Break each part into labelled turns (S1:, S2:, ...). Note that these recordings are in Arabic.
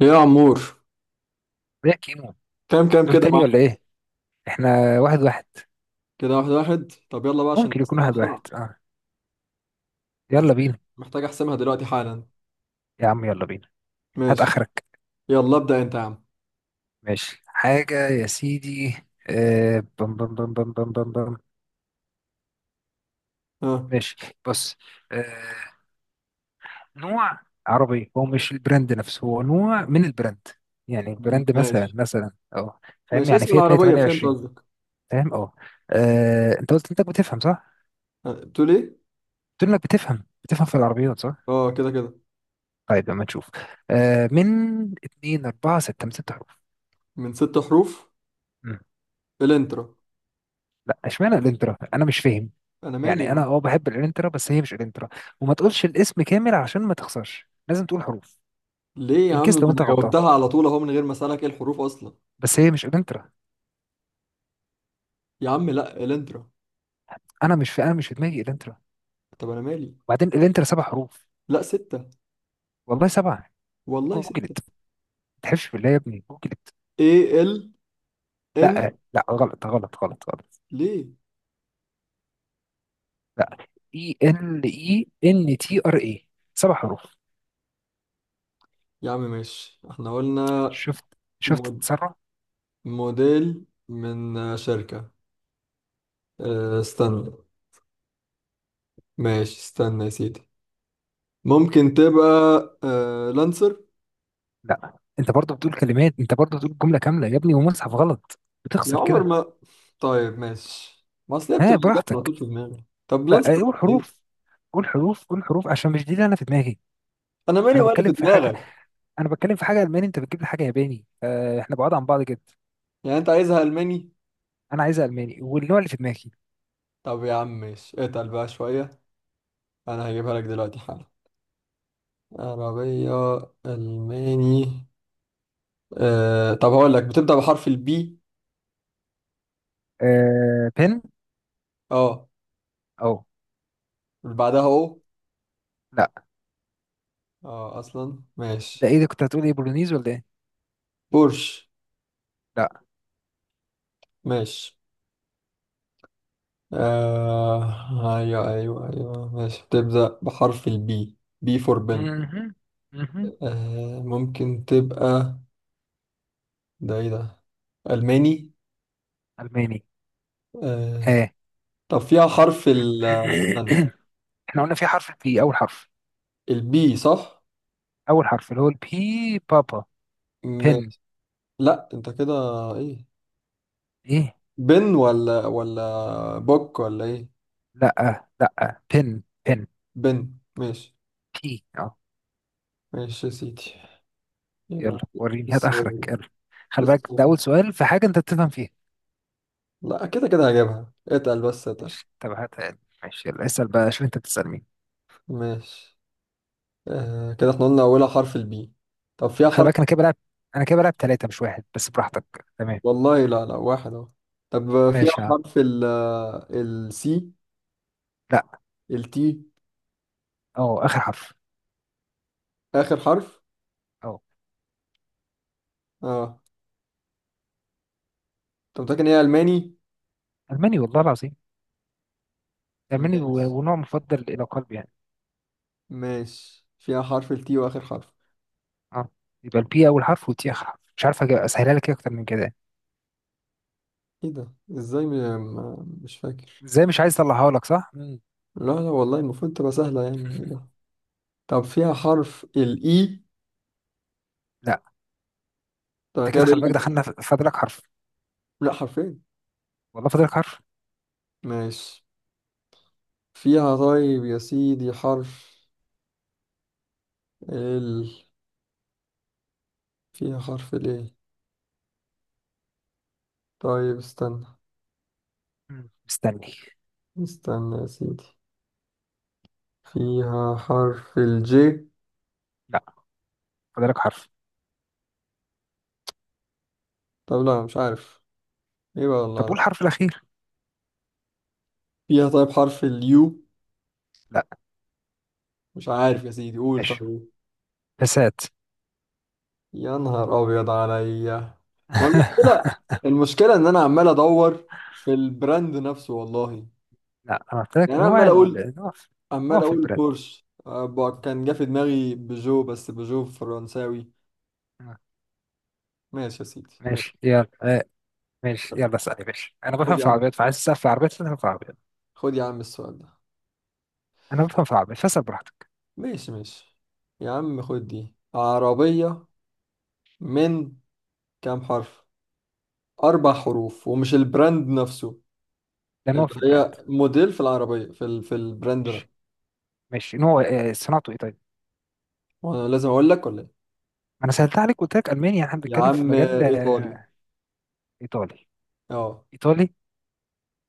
S1: ايه يا عمور؟
S2: يا كيمو،
S1: كام كام
S2: دور
S1: كده يا
S2: تاني
S1: معلم؟
S2: ولا ايه؟ احنا واحد واحد.
S1: كده واحد واحد، طب يلا بقى عشان
S2: ممكن يكون
S1: نحسمها
S2: واحد واحد
S1: بسرعة.
S2: اه. يلا
S1: محتاج
S2: بينا.
S1: محتاج احسمها دلوقتي حالا.
S2: يا عم يلا بينا. هات
S1: ماشي.
S2: اخرك.
S1: يلا ابدأ انت يا عم.
S2: ماشي حاجة يا سيدي. آه بم بم بم بم بم بم بم.
S1: ها.
S2: ماشي. بص. آه. نوع عربي، هو مش البراند نفسه، هو نوع من البراند. يعني البراند
S1: ماشي.
S2: مثلا مثلا اه. فاهم؟
S1: ماشي،
S2: يعني
S1: اسم
S2: فيات
S1: العربية، فهمت
S2: 128.
S1: قصدك.
S2: فاهم اه. انت قلت انك بتفهم صح؟
S1: بتقول ايه؟
S2: قلت انك بتفهم في العربيات صح؟
S1: اه كده كده.
S2: طيب لما نشوف. آه من 2 4 6، من 6 حروف.
S1: من ست حروف.
S2: مم.
S1: الانترا.
S2: لا، اشمعنى الانترا؟ انا مش فاهم.
S1: انا مالي
S2: يعني
S1: يا
S2: انا
S1: عم.
S2: اه بحب الانترا، بس هي مش الانترا. وما تقولش الاسم كامل عشان ما تخسرش، لازم تقول حروف.
S1: ليه يا
S2: ان
S1: عم؟
S2: كيس
S1: ما
S2: لو
S1: انا
S2: انت غلطان.
S1: جاوبتها على طول اهو من غير ما اسالك ايه الحروف اصلا.
S2: بس هي مش الانترا.
S1: يا عم لا الانترا.
S2: انا مش في دماغي الانترا.
S1: طب انا مالي.
S2: وبعدين الانترا سبع حروف.
S1: لا ستة.
S2: والله سبعه.
S1: والله ستة.
S2: جوجلت. ما تحلفش بالله يا ابني، جوجلت.
S1: ايه ال
S2: لا
S1: ان.
S2: لا، غلط غلط غلط غلط.
S1: ليه
S2: لا. اي ال اي ان تي ار اي. سبع حروف.
S1: يا عم؟ ماشي احنا قلنا.
S2: شفت؟ شفت التسرع؟
S1: موديل من شركة. استنى. ماشي استنى يا سيدي. ممكن تبقى. لانسر.
S2: لا انت برضه بتقول كلمات، انت برضه بتقول جمله كامله يا ابني، ومصحف غلط.
S1: يا
S2: بتخسر
S1: عمر
S2: كده.
S1: ما. طيب ماشي، ما اصل هي
S2: ها،
S1: بتبقى الإجابة على
S2: براحتك.
S1: طول في دماغي. طب لانسر
S2: بقى إيه، قول
S1: بقى ايه؟
S2: حروف. قول حروف قول حروف عشان مش دي اللي انا في دماغي.
S1: انا مالي
S2: انا
S1: ولا
S2: بتكلم
S1: في
S2: في حاجه.
S1: دماغك؟
S2: انا بتكلم في حاجه الماني، انت بتجيب لي حاجه ياباني. احنا بعاد عن بعض جدا.
S1: يعني انت عايزها الماني؟
S2: انا عايزها الماني، والنوع اللي في دماغي.
S1: طب يا عم ماشي، اتقل بقى شوية. انا هجيبها لك دلوقتي حالا. عربية. الماني. طب هقول لك، بتبدأ بحرف البي.
S2: أه بن.
S1: اه.
S2: او.
S1: اللي بعدها او.
S2: لا.
S1: اه اصلا
S2: ده
S1: ماشي.
S2: ايه ده، كنت هتقول ايه، بولونيز ولا ايه؟
S1: بورش.
S2: لا.
S1: ماشي. آه أيوه أيوه أيوه ماشي، بتبدأ بحرف البي، بي فور بنت.
S2: مهم. مهم.
S1: آه ممكن تبقى. ده إيه ده؟ ألماني.
S2: الماني.
S1: آه.
S2: ها.
S1: طب فيها حرف ال. استنى.
S2: احنا قلنا في حرف البي اول حرف.
S1: البي صح؟
S2: اول حرف اللي هو البي. بابا. بن.
S1: ماشي. لأ أنت كده. إيه؟
S2: ايه؟
S1: بن ولا ولا بوك ولا إيه؟
S2: لا لا، بن بن.
S1: بن. ماشي.
S2: بي اه.
S1: ماشي يا سيدي.
S2: يلا
S1: يبقى.
S2: وريني، هات اخرك
S1: الصعيد.
S2: يلا. خلي بالك ده
S1: الصعيد.
S2: اول سؤال في حاجه انت بتفهم فيها.
S1: لأ كده كده هجيبها، اتقل بس اتقل.
S2: ماشي، طب هات. ماشي يلا، اسال بقى، شوف انت بتسال مين.
S1: ماشي. آه كده احنا قلنا أولها حرف البي. طب فيها
S2: خلي
S1: حرف.
S2: بالك انا كده بلعب. انا كده بلعب ثلاثه مش واحد، بس براحتك. تمام.
S1: والله لا، لا واحد أهو. طب فيها
S2: ماشي يا عم.
S1: حرف ال. السي.
S2: لا.
S1: التي.
S2: اه، اخر حرف.
S1: آخر حرف.
S2: اه.
S1: اه. أنت متأكد إن هي ألماني؟
S2: الماني والله العظيم. الماني
S1: ماشي.
S2: ونوع مفضل الى قلبي يعني.
S1: ماشي، فيها حرف التي وآخر حرف.
S2: اه. يبقى البي اول حرف والتي اخر حرف، مش عارف اسهلها لك إيه اكتر من كده يعني.
S1: إيه ده؟ إزاي مش فاكر.
S2: ازاي مش عايز اطلعها لك؟ صح. مم.
S1: لا لا والله المفروض تبقى سهلة، يعني إيه ده؟ طب فيها حرف الإي.
S2: لا.
S1: طب أنا
S2: انت
S1: كده
S2: كده،
S1: بقى
S2: خلي
S1: لي
S2: بالك،
S1: كام؟
S2: دخلنا فاضلك حرف.
S1: لا حرفين.
S2: والله فاضلك حرف.
S1: ماشي. فيها طيب يا سيدي حرف ال. فيها حرف الإيه؟ طيب استنى.
S2: مم. مستني.
S1: استنى يا سيدي. فيها حرف الجي.
S2: لا، فاضلك حرف.
S1: طب لا، مش عارف. ايه بقى والله
S2: طب قول
S1: أعرف.
S2: الحرف الاخير.
S1: فيها طيب حرف اليو.
S2: لا.
S1: مش عارف يا سيدي، قول
S2: ماشي.
S1: طيب.
S2: فسات.
S1: يا نهار ابيض عليا. ما المشكلة. المشكلة ان انا عمال ادور في البراند نفسه والله.
S2: لا، انا قلت
S1: يعني
S2: لك
S1: انا
S2: نوع
S1: عمال اقول،
S2: ال... نوع في... نوع
S1: عمال
S2: في
S1: اقول
S2: البرد.
S1: بورش، كان جه في دماغي بيجو، بس بيجو فرنساوي.
S2: آه،
S1: ماشي يا سيدي ماشي.
S2: ماشي يلا. آه، ماشي يلا اسالي. ماشي، انا بفهم
S1: خد يا
S2: في
S1: عم،
S2: العربيات، فعايز تسال في العربيات، فاسال في العربيات.
S1: خد يا عم السؤال ده.
S2: انا بفهم في العربيات، فاسال براحتك.
S1: ماشي ماشي يا عم. خد دي عربية. من كام حرف؟ أربع حروف، ومش البراند نفسه،
S2: ده
S1: اللي
S2: نوع في البراند.
S1: هي موديل في العربية، في ال... في البراند ده.
S2: ماشي. ماشي. نوع آه، صناعته ايه طيب؟
S1: وأنا لازم أقول لك ولا إيه؟
S2: ما انا سالت عليك، قلت لك المانيا، احنا
S1: يا
S2: بنتكلم في
S1: عم
S2: مجال
S1: إيطالي.
S2: آه، ايطالي؟
S1: أه.
S2: ايطالي.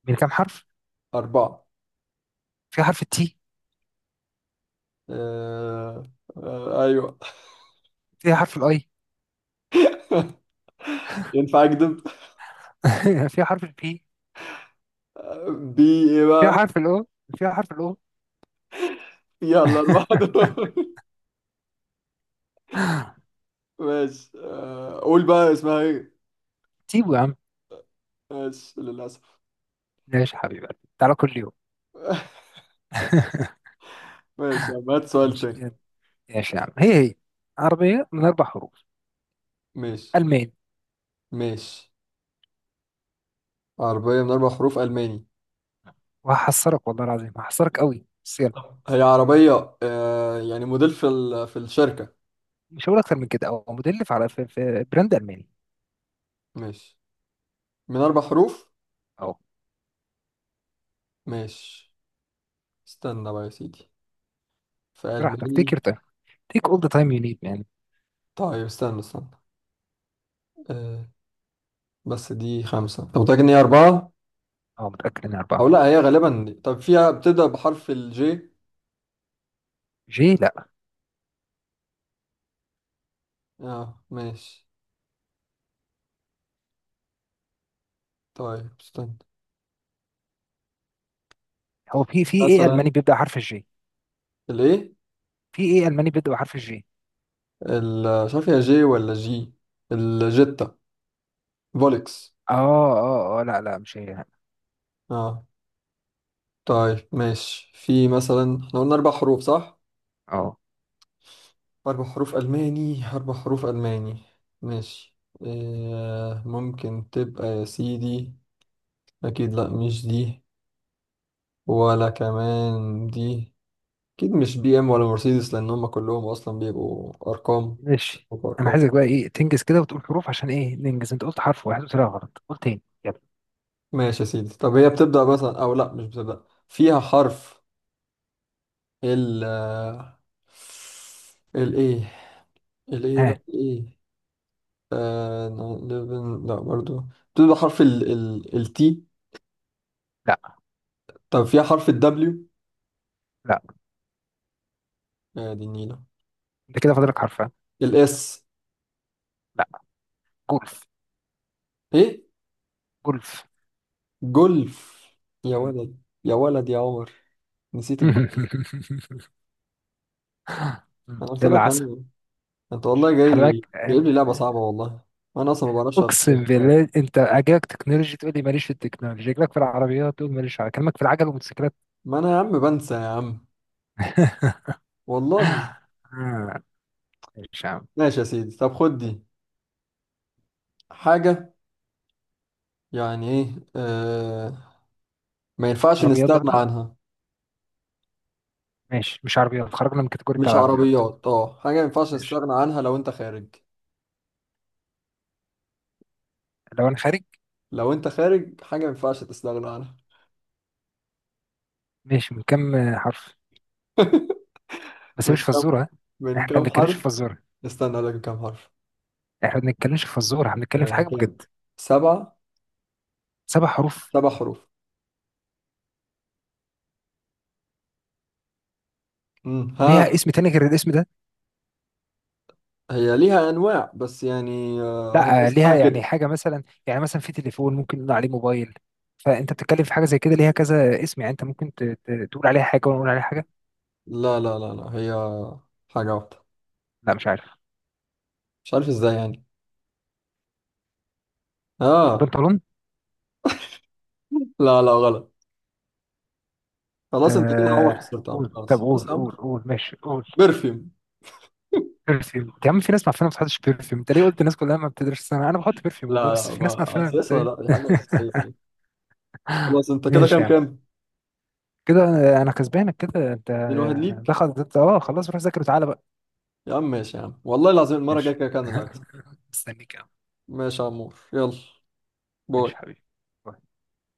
S2: من كام حرف؟
S1: أربعة.
S2: فيها حرف التي؟
S1: آه... آه... أيوه.
S2: فيها حرف الاي؟
S1: ينفع أكذب؟
S2: فيها حرف البي.
S1: بي. إيه
S2: فيها
S1: بقى؟
S2: حرف الاو. فيها حرف الاو.
S1: فيها الأربعة دول. ماشي آه... قول بقى اسمها إيه.
S2: تيبو يا عم.
S1: ماشي للأسف.
S2: ماشي حبيبي. تعالى كل يوم.
S1: ماشي يا عم، هات سؤال
S2: ماشي.
S1: تاني.
S2: ماشي يا عم. هي عربية من أربع حروف.
S1: ماشي
S2: ألمان.
S1: ماشي. عربية من أربع حروف ألماني.
S2: وهحصرك والله العظيم، هحصرك قوي، بس يلا.
S1: هي عربية آه... يعني موديل في ال... في الشركة.
S2: مش هقول أكتر من كده، أو مدلف على في براند ألماني.
S1: ماشي. من أربع حروف.
S2: أهو.
S1: ماشي. استنى بقى يا سيدي. في
S2: براحتك، تيك
S1: ألماني.
S2: يور تايم. تيك أول ذا تايم يو نيد مان.
S1: طيب استنى. استنى. أه. بس دي خمسة، طب متأكد إن هي أربعة
S2: أه، متأكد إن
S1: أو
S2: أربعة.
S1: لأ؟ هي غالبا طب فيها، بتبدأ بحرف الجي؟
S2: جي لا.
S1: اه ماشي. طيب استنى.
S2: هو في إيه ألماني
S1: مثلا.
S2: بيبدأ حرف الجي؟
S1: الإيه.
S2: في إيه ألماني بيبدأ بحرف الجي؟
S1: مش عارف هي جي ولا جي. الجيتا. فولكس.
S2: أه أه أه لا لا، مش هي.
S1: اه. طيب ماشي، في مثلا، احنا قلنا أربع حروف صح؟
S2: أه،
S1: أربع حروف ألماني، أربع حروف ألماني. ماشي. آه ممكن تبقى يا سيدي. أكيد لأ مش دي، ولا كمان دي. أكيد مش بي إم ولا مرسيدس، لأن هما كلهم أصلا بيبقوا أرقام.
S2: ماشي. أنا
S1: وأرقام.
S2: عايزك بقى إيه، تنجز كده وتقول حروف عشان إيه ننجز، أنت قلت حرف واحد وطلع غلط، قول تاني يلا.
S1: ماشي يا سيدي، طب هي بتبدأ مثلا، أو لأ مش بتبدأ، فيها حرف ال. ال إيه؟ ال إيه
S2: ها.
S1: بقى إيه؟ آه... نعم، لا برضو. بتبدأ حرف ال ال التي.
S2: لا
S1: طب فيها حرف الدبليو.
S2: لا.
S1: يا دي النيلة.
S2: أنت كده فاضلك حرف، ها؟
S1: الاس.
S2: لا. جولف.
S1: ايه؟
S2: جولف.
S1: جولف. يا ولد، يا ولد يا عمر، نسيت الجولف. انا قلت
S2: يلا
S1: لك
S2: عسل.
S1: عنه. انت والله جاي
S2: خلي
S1: لي،
S2: بالك
S1: جايب لي لعبة صعبة والله. انا اصلا ما بعرفش افتكر
S2: اقسم
S1: حاجة.
S2: بالله، انت اجاك تكنولوجي تقول لي ماليش في التكنولوجي، اجاك في العربيات تقول ماليش، على كلامك في العجل والموتوسيكلات.
S1: ما انا يا عم بنسى يا عم. والله.
S2: آه، ماشي يا عم.
S1: ماشي يا سيدي، طب خد دي. حاجة. يعني ايه آه، ما ينفعش
S2: عربيات
S1: نستغنى
S2: برضو؟
S1: عنها.
S2: ماشي، مش عربيات، خرجنا من الكاتيجوري بتاع
S1: مش
S2: العربيات.
S1: عربيات، اه، حاجة ما ينفعش
S2: ماشي.
S1: نستغنى عنها لو انت خارج.
S2: لو انا خارج.
S1: لو انت خارج حاجة ما ينفعش تستغنى عنها.
S2: ماشي، من كام آه، حرف؟ بس
S1: من
S2: مش
S1: كام،
S2: فزوره ها؟
S1: من
S2: احنا ما
S1: كام
S2: بنتكلمش في
S1: حرف؟
S2: فزوره.
S1: استنى اقول لك كام حرف.
S2: احنا ما بنتكلمش في فزوره، احنا بنتكلم في حاجه
S1: هي
S2: بجد.
S1: سبعة.
S2: سبع حروف.
S1: سبع حروف. مم. ها.
S2: ليها اسم تاني غير الاسم ده؟
S1: هي ليها أنواع، بس يعني هي
S2: لا آه، ليها
S1: اسمها كده.
S2: يعني حاجه، مثلا يعني، مثلا في تليفون ممكن نقول عليه موبايل. فانت بتتكلم في حاجه زي كده ليها كذا اسم، يعني انت ممكن تقول عليها حاجه وانا اقول عليها حاجه.
S1: لا لا لا لا، هي حاجة واحدة.
S2: لا مش عارف.
S1: مش عارف ازاي يعني. اه.
S2: بنطلون.
S1: لا لا غلط. خلاص، انت كده عمر
S2: آه
S1: خسرت يا عمر.
S2: قول، طب
S1: خلاص بص
S2: قول
S1: يا
S2: قول
S1: عمر.
S2: قول، ماشي قول.
S1: برفيوم.
S2: برفيوم؟ يا عم في ناس معفنه ما بتحطش برفيوم، انت ليه قلت الناس كلها؟ ما بتدرسش سنه، انا بحط برفيوم والله،
S1: لا
S2: بس
S1: لا،
S2: في ناس
S1: ما
S2: معفنه أنت
S1: اساسا
S2: إيه؟
S1: لا، دي حاجة أساسية يعني. خلاص، انت كده
S2: ماشي
S1: كام
S2: يعني.
S1: كام؟
S2: كده آه، انا كسبانك. كده انت
S1: اتنين واحد
S2: آه،
S1: ليك.
S2: دخل انت اه، خلاص روح ذاكر وتعالى بقى.
S1: يا عم ماشي يا عم، والله العظيم المرة الجاية
S2: ماشي.
S1: كده كان اللي هكسب.
S2: مستنيك يا عم.
S1: ماشي يا عمور يلا. باي.
S2: ماشي حبيبي.